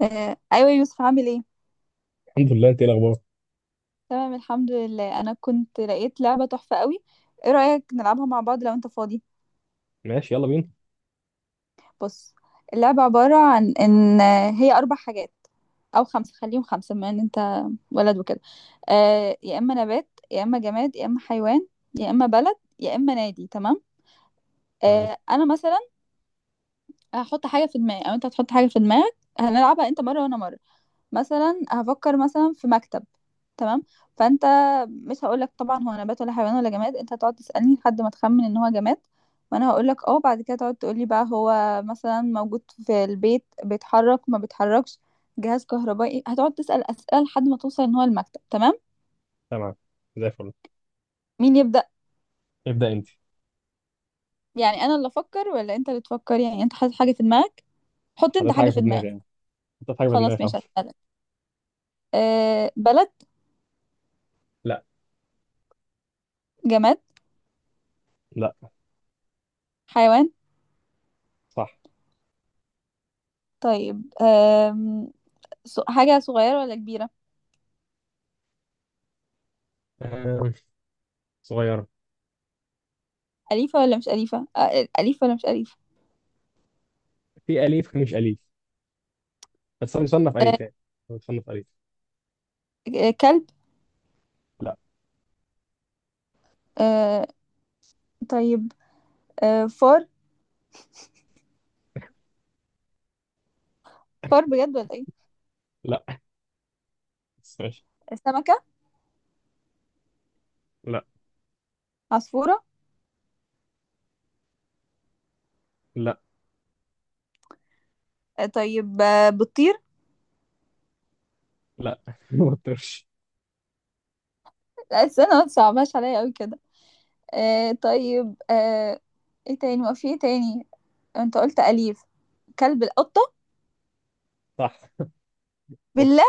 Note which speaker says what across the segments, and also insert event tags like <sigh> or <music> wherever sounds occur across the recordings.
Speaker 1: ايوه يوسف، عامل ايه؟
Speaker 2: الحمد لله، انت ايه الاخبار؟
Speaker 1: تمام الحمد لله. انا كنت لقيت لعبه تحفه قوي. ايه رايك نلعبها مع بعض لو انت فاضي؟
Speaker 2: ماشي، يلا بينا.
Speaker 1: بص، اللعبه عباره عن ان هي 4 حاجات او 5، خليهم 5 بما ان انت ولد وكده. يا اما نبات يا اما جماد يا اما حيوان يا اما بلد يا اما نادي. تمام.
Speaker 2: تمام.
Speaker 1: انا مثلا هحط حاجه في دماغي او انت هتحط حاجه في دماغك، هنلعبها انت مره وانا مره. مثلا هفكر مثلا في مكتب. تمام. فانت مش هقولك طبعا هو نبات ولا حيوان ولا جماد، انت هتقعد تسألني لحد ما تخمن ان هو جماد وانا هقولك اه. بعد كده تقعد تقولي بقى هو مثلا موجود في البيت، بيتحرك ما بيتحركش، جهاز كهربائي. هتقعد تسأل أسئلة لحد ما توصل ان هو المكتب. تمام.
Speaker 2: تمام، زي الفل.
Speaker 1: مين يبدأ؟
Speaker 2: ابدا انت.
Speaker 1: يعني انا اللي افكر ولا انت اللي تفكر؟ يعني انت حاطط حاجة في دماغك؟ حط انت
Speaker 2: حطيت
Speaker 1: حاجة
Speaker 2: حاجه في
Speaker 1: في
Speaker 2: دماغي
Speaker 1: دماغك.
Speaker 2: يعني، حطيت حاجه في دماغي
Speaker 1: خلاص ماشي،
Speaker 2: خلاص.
Speaker 1: هسألك. بلد؟
Speaker 2: لا.
Speaker 1: جماد؟
Speaker 2: لا.
Speaker 1: حيوان؟
Speaker 2: صح.
Speaker 1: طيب. حاجة صغيرة ولا كبيرة؟
Speaker 2: آه. صغيره.
Speaker 1: أليفة ولا مش أليفة؟ أليفة ولا مش أليفة؟
Speaker 2: في اليف مش اليف، بس هو يصنف
Speaker 1: آه،
Speaker 2: اليف يعني، هو يصنف اليف.
Speaker 1: كلب؟
Speaker 2: لا.
Speaker 1: آه، طيب. فار؟ فار بجد ولا إيه؟
Speaker 2: لا بس ماشي.
Speaker 1: سمكة؟
Speaker 2: لا.
Speaker 1: عصفورة؟
Speaker 2: لا.
Speaker 1: طيب. بتطير؟
Speaker 2: لا <laughs> ما تطرش.
Speaker 1: لا استنى، ما تصعبهاش عليا أوي كده. طيب. إيه تاني؟ ما في إيه تاني. أنت قلت أليف. كلب؟ القطة؟
Speaker 2: صح، قط.
Speaker 1: بالله!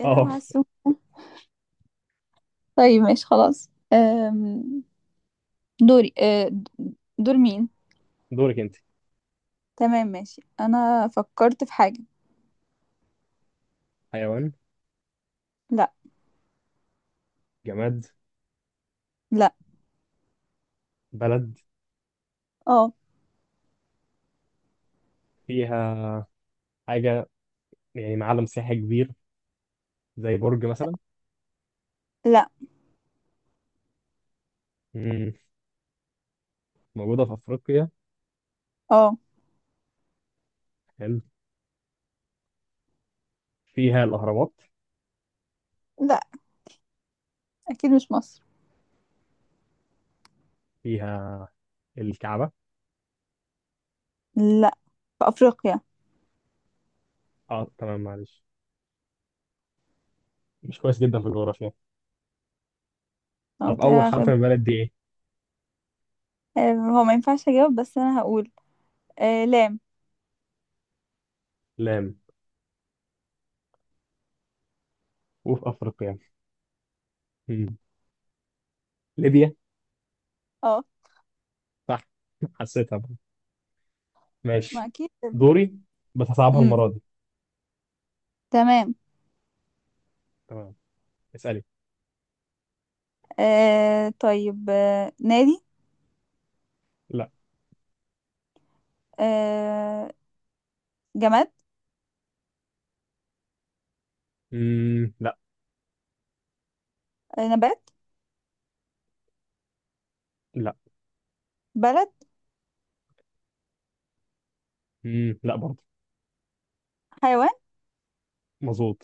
Speaker 1: يا
Speaker 2: اه،
Speaker 1: لهوي على السوق. طيب ماشي خلاص. دوري. دور مين؟
Speaker 2: دورك انت.
Speaker 1: تمام ماشي، انا فكرت في حاجة.
Speaker 2: حيوان؟
Speaker 1: لا.
Speaker 2: جماد؟
Speaker 1: لا.
Speaker 2: بلد؟
Speaker 1: اه.
Speaker 2: فيها حاجه يعني، معلم سياحي كبير زي برج مثلا.
Speaker 1: لا.
Speaker 2: مم. موجوده في افريقيا.
Speaker 1: اه.
Speaker 2: حلو. فيها الاهرامات.
Speaker 1: لا، اكيد مش مصر.
Speaker 2: فيها الكعبة.
Speaker 1: لا، في افريقيا.
Speaker 2: اه تمام، معلش، مش كويس جدا في الجغرافيا.
Speaker 1: أو
Speaker 2: طب أول حرف
Speaker 1: تاخد-
Speaker 2: من البلد دي إيه؟
Speaker 1: هو ما ينفعش اجاوب بس انا هقول. لام.
Speaker 2: لام، وفي افريقيا. مم. ليبيا.
Speaker 1: اه.
Speaker 2: صح <laughs> حسيتها بقى.
Speaker 1: ما
Speaker 2: ماشي.
Speaker 1: اكيد.
Speaker 2: دوري. بتصعبها
Speaker 1: امم
Speaker 2: المره دي.
Speaker 1: تمام.
Speaker 2: تمام. اسألي.
Speaker 1: طيب. نادي؟
Speaker 2: لا.
Speaker 1: آه جماد؟
Speaker 2: مم. لا.
Speaker 1: نبات؟
Speaker 2: لا.
Speaker 1: بلد؟
Speaker 2: مم. لا برضه.
Speaker 1: حيوان؟
Speaker 2: مظبوط.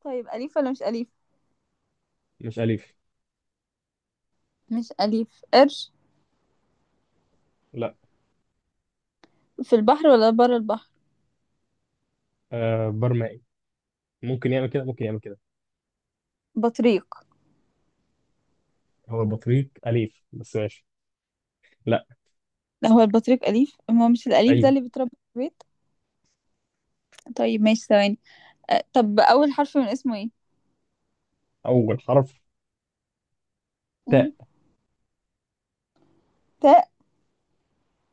Speaker 1: طيب، اليف ولا مش اليف؟
Speaker 2: مش أليف.
Speaker 1: مش اليف. قرش؟
Speaker 2: لا.
Speaker 1: في البحر ولا بره البحر؟
Speaker 2: آه، برمائي. ممكن يعمل كده، ممكن يعمل كده.
Speaker 1: بطريق؟
Speaker 2: هو البطريق أليف، بس ماشي. لا.
Speaker 1: لا، هو البطريق اليف، ما هو مش الاليف ده
Speaker 2: أيوه.
Speaker 1: اللي بيتربى في البيت. طيب ماشي، ثواني. طب اول حرف من اسمه ايه؟
Speaker 2: أول حرف،
Speaker 1: مم.
Speaker 2: تاء.
Speaker 1: تاء.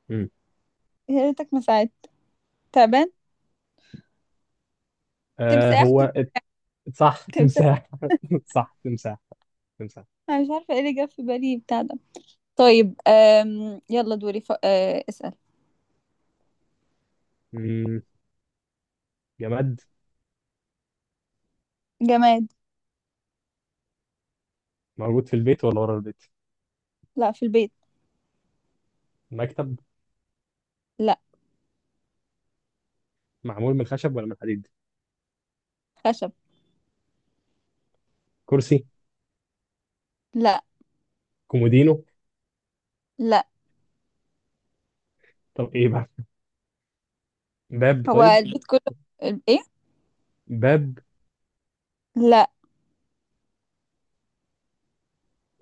Speaker 2: مم.
Speaker 1: يا ريتك ما ساعدت. تعبان؟
Speaker 2: آه،
Speaker 1: تمساح؟
Speaker 2: هو صح،
Speaker 1: تمساح.
Speaker 2: تمساح <laughs> صح، تمساح. تمساح.
Speaker 1: انا مش عارفه ايه اللي جاب في بالي بتاع ده. طيب. يلا دوري. اسأل.
Speaker 2: مم. جماد.
Speaker 1: جماد.
Speaker 2: موجود في البيت ولا ورا البيت؟
Speaker 1: لا، في البيت.
Speaker 2: مكتب.
Speaker 1: لا.
Speaker 2: معمول من خشب ولا من حديد؟
Speaker 1: خشب.
Speaker 2: كرسي.
Speaker 1: لا.
Speaker 2: كومودينو.
Speaker 1: لا.
Speaker 2: طب ايه بقى؟ باب
Speaker 1: هو
Speaker 2: طيب.
Speaker 1: البيت كله. ايه؟
Speaker 2: باب.
Speaker 1: لا.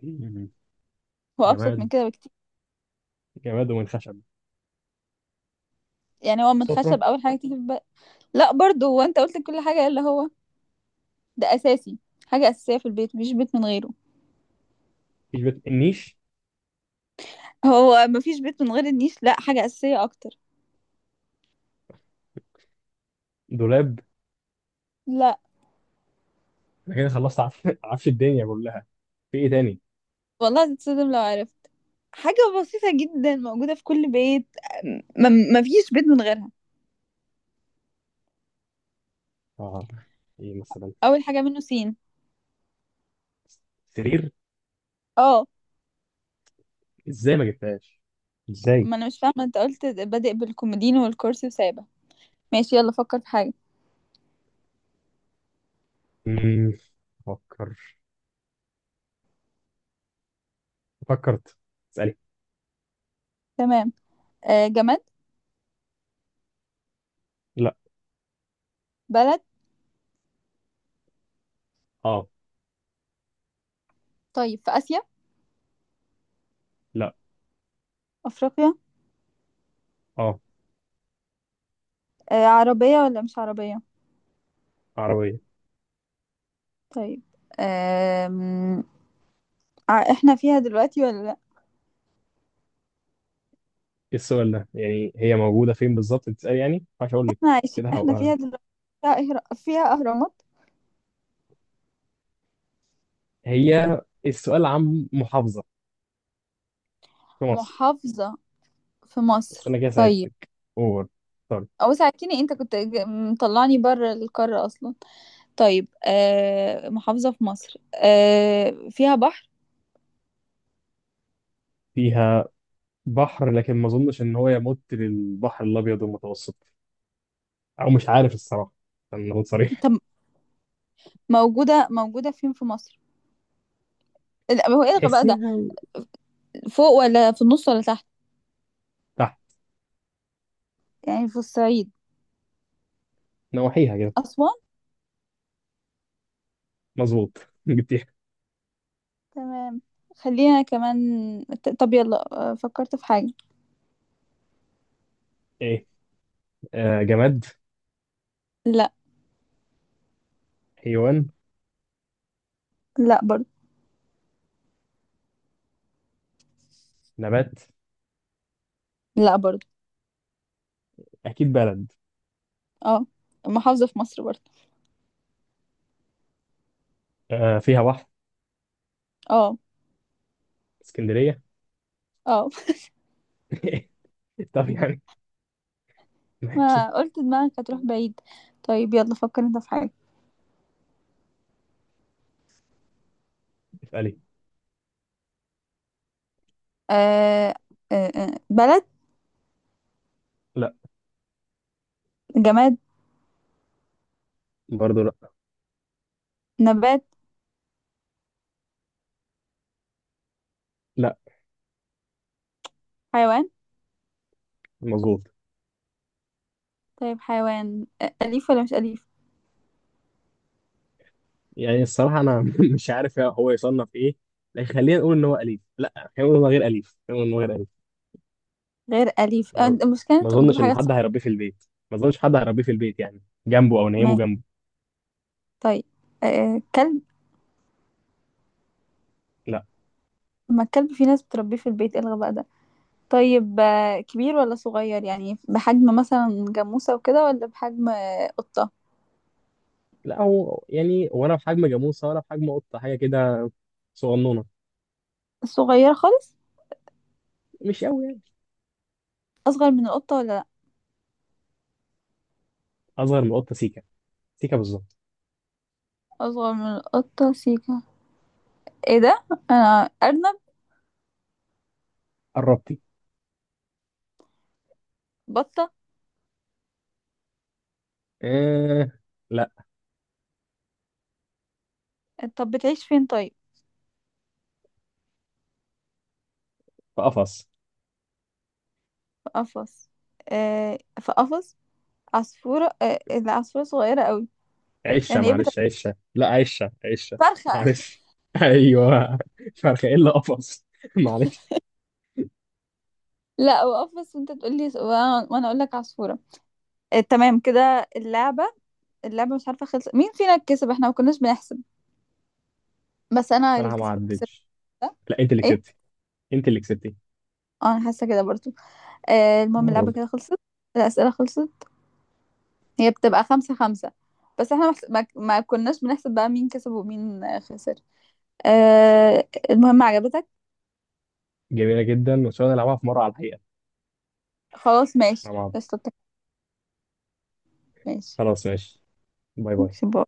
Speaker 2: مم.
Speaker 1: هو ابسط من
Speaker 2: جماد،
Speaker 1: كده بكتير.
Speaker 2: جماد ومن خشب.
Speaker 1: يعني هو من
Speaker 2: سفرة.
Speaker 1: خشب، اول حاجه تيجي في بالي. لا برضه. هو انت قلت كل حاجه الا هو. ده اساسي. حاجه اساسيه في البيت، مفيش بيت من غيره.
Speaker 2: مفيش بيت النيش.
Speaker 1: هو مفيش بيت من غير النيش؟ لا، حاجه اساسيه اكتر.
Speaker 2: دولاب.
Speaker 1: لا.
Speaker 2: انا كده خلصت <laughs> عفش الدنيا كلها، في ايه تاني؟
Speaker 1: والله هتتصدم لو عرفت. حاجة بسيطة جدا موجودة في كل بيت، ما فيش بيت من غيرها.
Speaker 2: اه. ايه مثلا؟
Speaker 1: أول حاجة منه سين.
Speaker 2: سرير.
Speaker 1: اه.
Speaker 2: ازاي ما جبتهاش؟ ازاي؟
Speaker 1: ما أنا مش فاهمة، أنت قلت بادئ بالكومودينو والكرسي وسابة. ماشي يلا، فكر في حاجة.
Speaker 2: مم. فكر. فكرت. اسألي.
Speaker 1: تمام. جماد؟
Speaker 2: لا.
Speaker 1: بلد؟
Speaker 2: اه.
Speaker 1: طيب، في آسيا؟
Speaker 2: لا.
Speaker 1: أفريقيا؟
Speaker 2: اه،
Speaker 1: عربية ولا مش عربية؟
Speaker 2: عربية.
Speaker 1: طيب. آم... احنا فيها دلوقتي ولا لأ؟
Speaker 2: ايه السؤال ده؟ يعني هي موجودة فين بالظبط؟ بتسأل يعني؟ مش هقول لك.
Speaker 1: احنا عايشين،
Speaker 2: كده
Speaker 1: احنا
Speaker 2: هبقى.
Speaker 1: فيها دلوقتي. فيها أهرامات.
Speaker 2: هي، السؤال عن محافظة في مصر.
Speaker 1: محافظة في
Speaker 2: بس
Speaker 1: مصر؟
Speaker 2: انا كده
Speaker 1: طيب.
Speaker 2: ساعدتك اوفر. طيب،
Speaker 1: أو ساعتيني، أنت كنت مطلعني بره القارة أصلا. طيب، محافظة في مصر، فيها بحر؟
Speaker 2: فيها بحر، لكن ما اظنش ان هو يمت للبحر الابيض المتوسط، او مش عارف الصراحة، عشان اكون صريح.
Speaker 1: طب موجودة فين في مصر؟ لا، هو الغى بقى ده.
Speaker 2: تحسيها.
Speaker 1: فوق ولا في النص ولا تحت؟
Speaker 2: تحت.
Speaker 1: يعني في الصعيد؟
Speaker 2: نواحيها كده.
Speaker 1: أسوان؟
Speaker 2: مظبوط <laughs> جبتيها.
Speaker 1: تمام. خلينا كمان. طب يلا. فكرت في حاجة.
Speaker 2: ايه؟ آه، جماد؟
Speaker 1: لا.
Speaker 2: حيوان؟
Speaker 1: لا برضه.
Speaker 2: نبات؟
Speaker 1: لا برضه.
Speaker 2: اكيد بلد.
Speaker 1: اه. محافظة في مصر برضه؟
Speaker 2: آه، فيها بحر.
Speaker 1: اه.
Speaker 2: اسكندرية
Speaker 1: اه.
Speaker 2: <laughs> طب يعني.
Speaker 1: <laughs>
Speaker 2: ماشي.
Speaker 1: ما قلت دماغك هتروح بعيد. طيب يلا، فكر انت في حاجة.
Speaker 2: اسألي.
Speaker 1: آه بلد؟
Speaker 2: لا.
Speaker 1: جماد؟
Speaker 2: برضه لا.
Speaker 1: نبات؟ حيوان؟
Speaker 2: مظبوط.
Speaker 1: طيب حيوان، أليف ولا مش أليف؟
Speaker 2: يعني الصراحة أنا <laughs> مش عارف هو يصنف إيه، لكن خلينا نقول إن هو أليف، لا خلينا نقول إن هو غير أليف، خلينا نقول إن هو غير أليف.
Speaker 1: غير أليف.
Speaker 2: ما
Speaker 1: المشكلة إن
Speaker 2: ما
Speaker 1: أنت بتجيب
Speaker 2: أظنش إن
Speaker 1: حاجات
Speaker 2: حد
Speaker 1: صعبة.
Speaker 2: هيربيه في البيت، ما أظنش حد هيربيه في البيت يعني، جنبه أو نيمه
Speaker 1: ماشي.
Speaker 2: جنبه.
Speaker 1: طيب. كلب؟
Speaker 2: لا.
Speaker 1: ما الكلب في ناس بتربيه في البيت، إيه الغباء ده؟ طيب، كبير ولا صغير؟ يعني بحجم مثلا جاموسة وكده ولا بحجم قطة؟
Speaker 2: لا، هو يعني ولا في حجم جاموسة ولا في حجم قطة، حاجة كده صغنونة،
Speaker 1: صغيرة خالص؟
Speaker 2: مش قوي يعني.
Speaker 1: أصغر من القطة ولا لأ؟
Speaker 2: أصغر من القطة سيكا، سيكا بالظبط.
Speaker 1: أصغر من القطة سيكا. إيه ده؟ أنا، أرنب؟
Speaker 2: قربتي.
Speaker 1: بطة؟
Speaker 2: آه. لا.
Speaker 1: طب بتعيش فين طيب؟
Speaker 2: في قفص.
Speaker 1: في قفص؟ في قفص. عصفورة؟ العصفورة صغيرة قوي.
Speaker 2: عشة
Speaker 1: يعني إيه بتبقى؟
Speaker 2: معلش، عشة، لا عشة، عشة
Speaker 1: فرخة؟
Speaker 2: معلش <laughs> أيوه. فرخة إلا قفص <laughs> معلش.
Speaker 1: لا وقف، بس انت تقول لي وأنا اقول لك عصفورة. تمام، كده اللعبة. اللعبة مش عارفة خلص مين فينا كسب، احنا ما كناش بنحسب، بس انا اللي
Speaker 2: صراحه ما
Speaker 1: كسب كسبت.
Speaker 2: عدتش.
Speaker 1: ده
Speaker 2: لا، انت اللي
Speaker 1: ايه؟
Speaker 2: كسبتي. انت اللي كسبتي.
Speaker 1: اه، انا حاسة كده برضو. المهم، اللعبة
Speaker 2: برضه
Speaker 1: كده خلصت. الأسئلة خلصت. هي بتبقى 5 5، بس احنا ما كناش بنحسب بقى مين كسب ومين خسر. المهم، عجبتك؟
Speaker 2: جميله جدا، وان شاء الله نلعبها في مره على الحقيقه
Speaker 1: خلاص
Speaker 2: مع
Speaker 1: ماشي
Speaker 2: بعض.
Speaker 1: قشطة. ماشي.
Speaker 2: خلاص ماشي. باي باي.
Speaker 1: ماشي.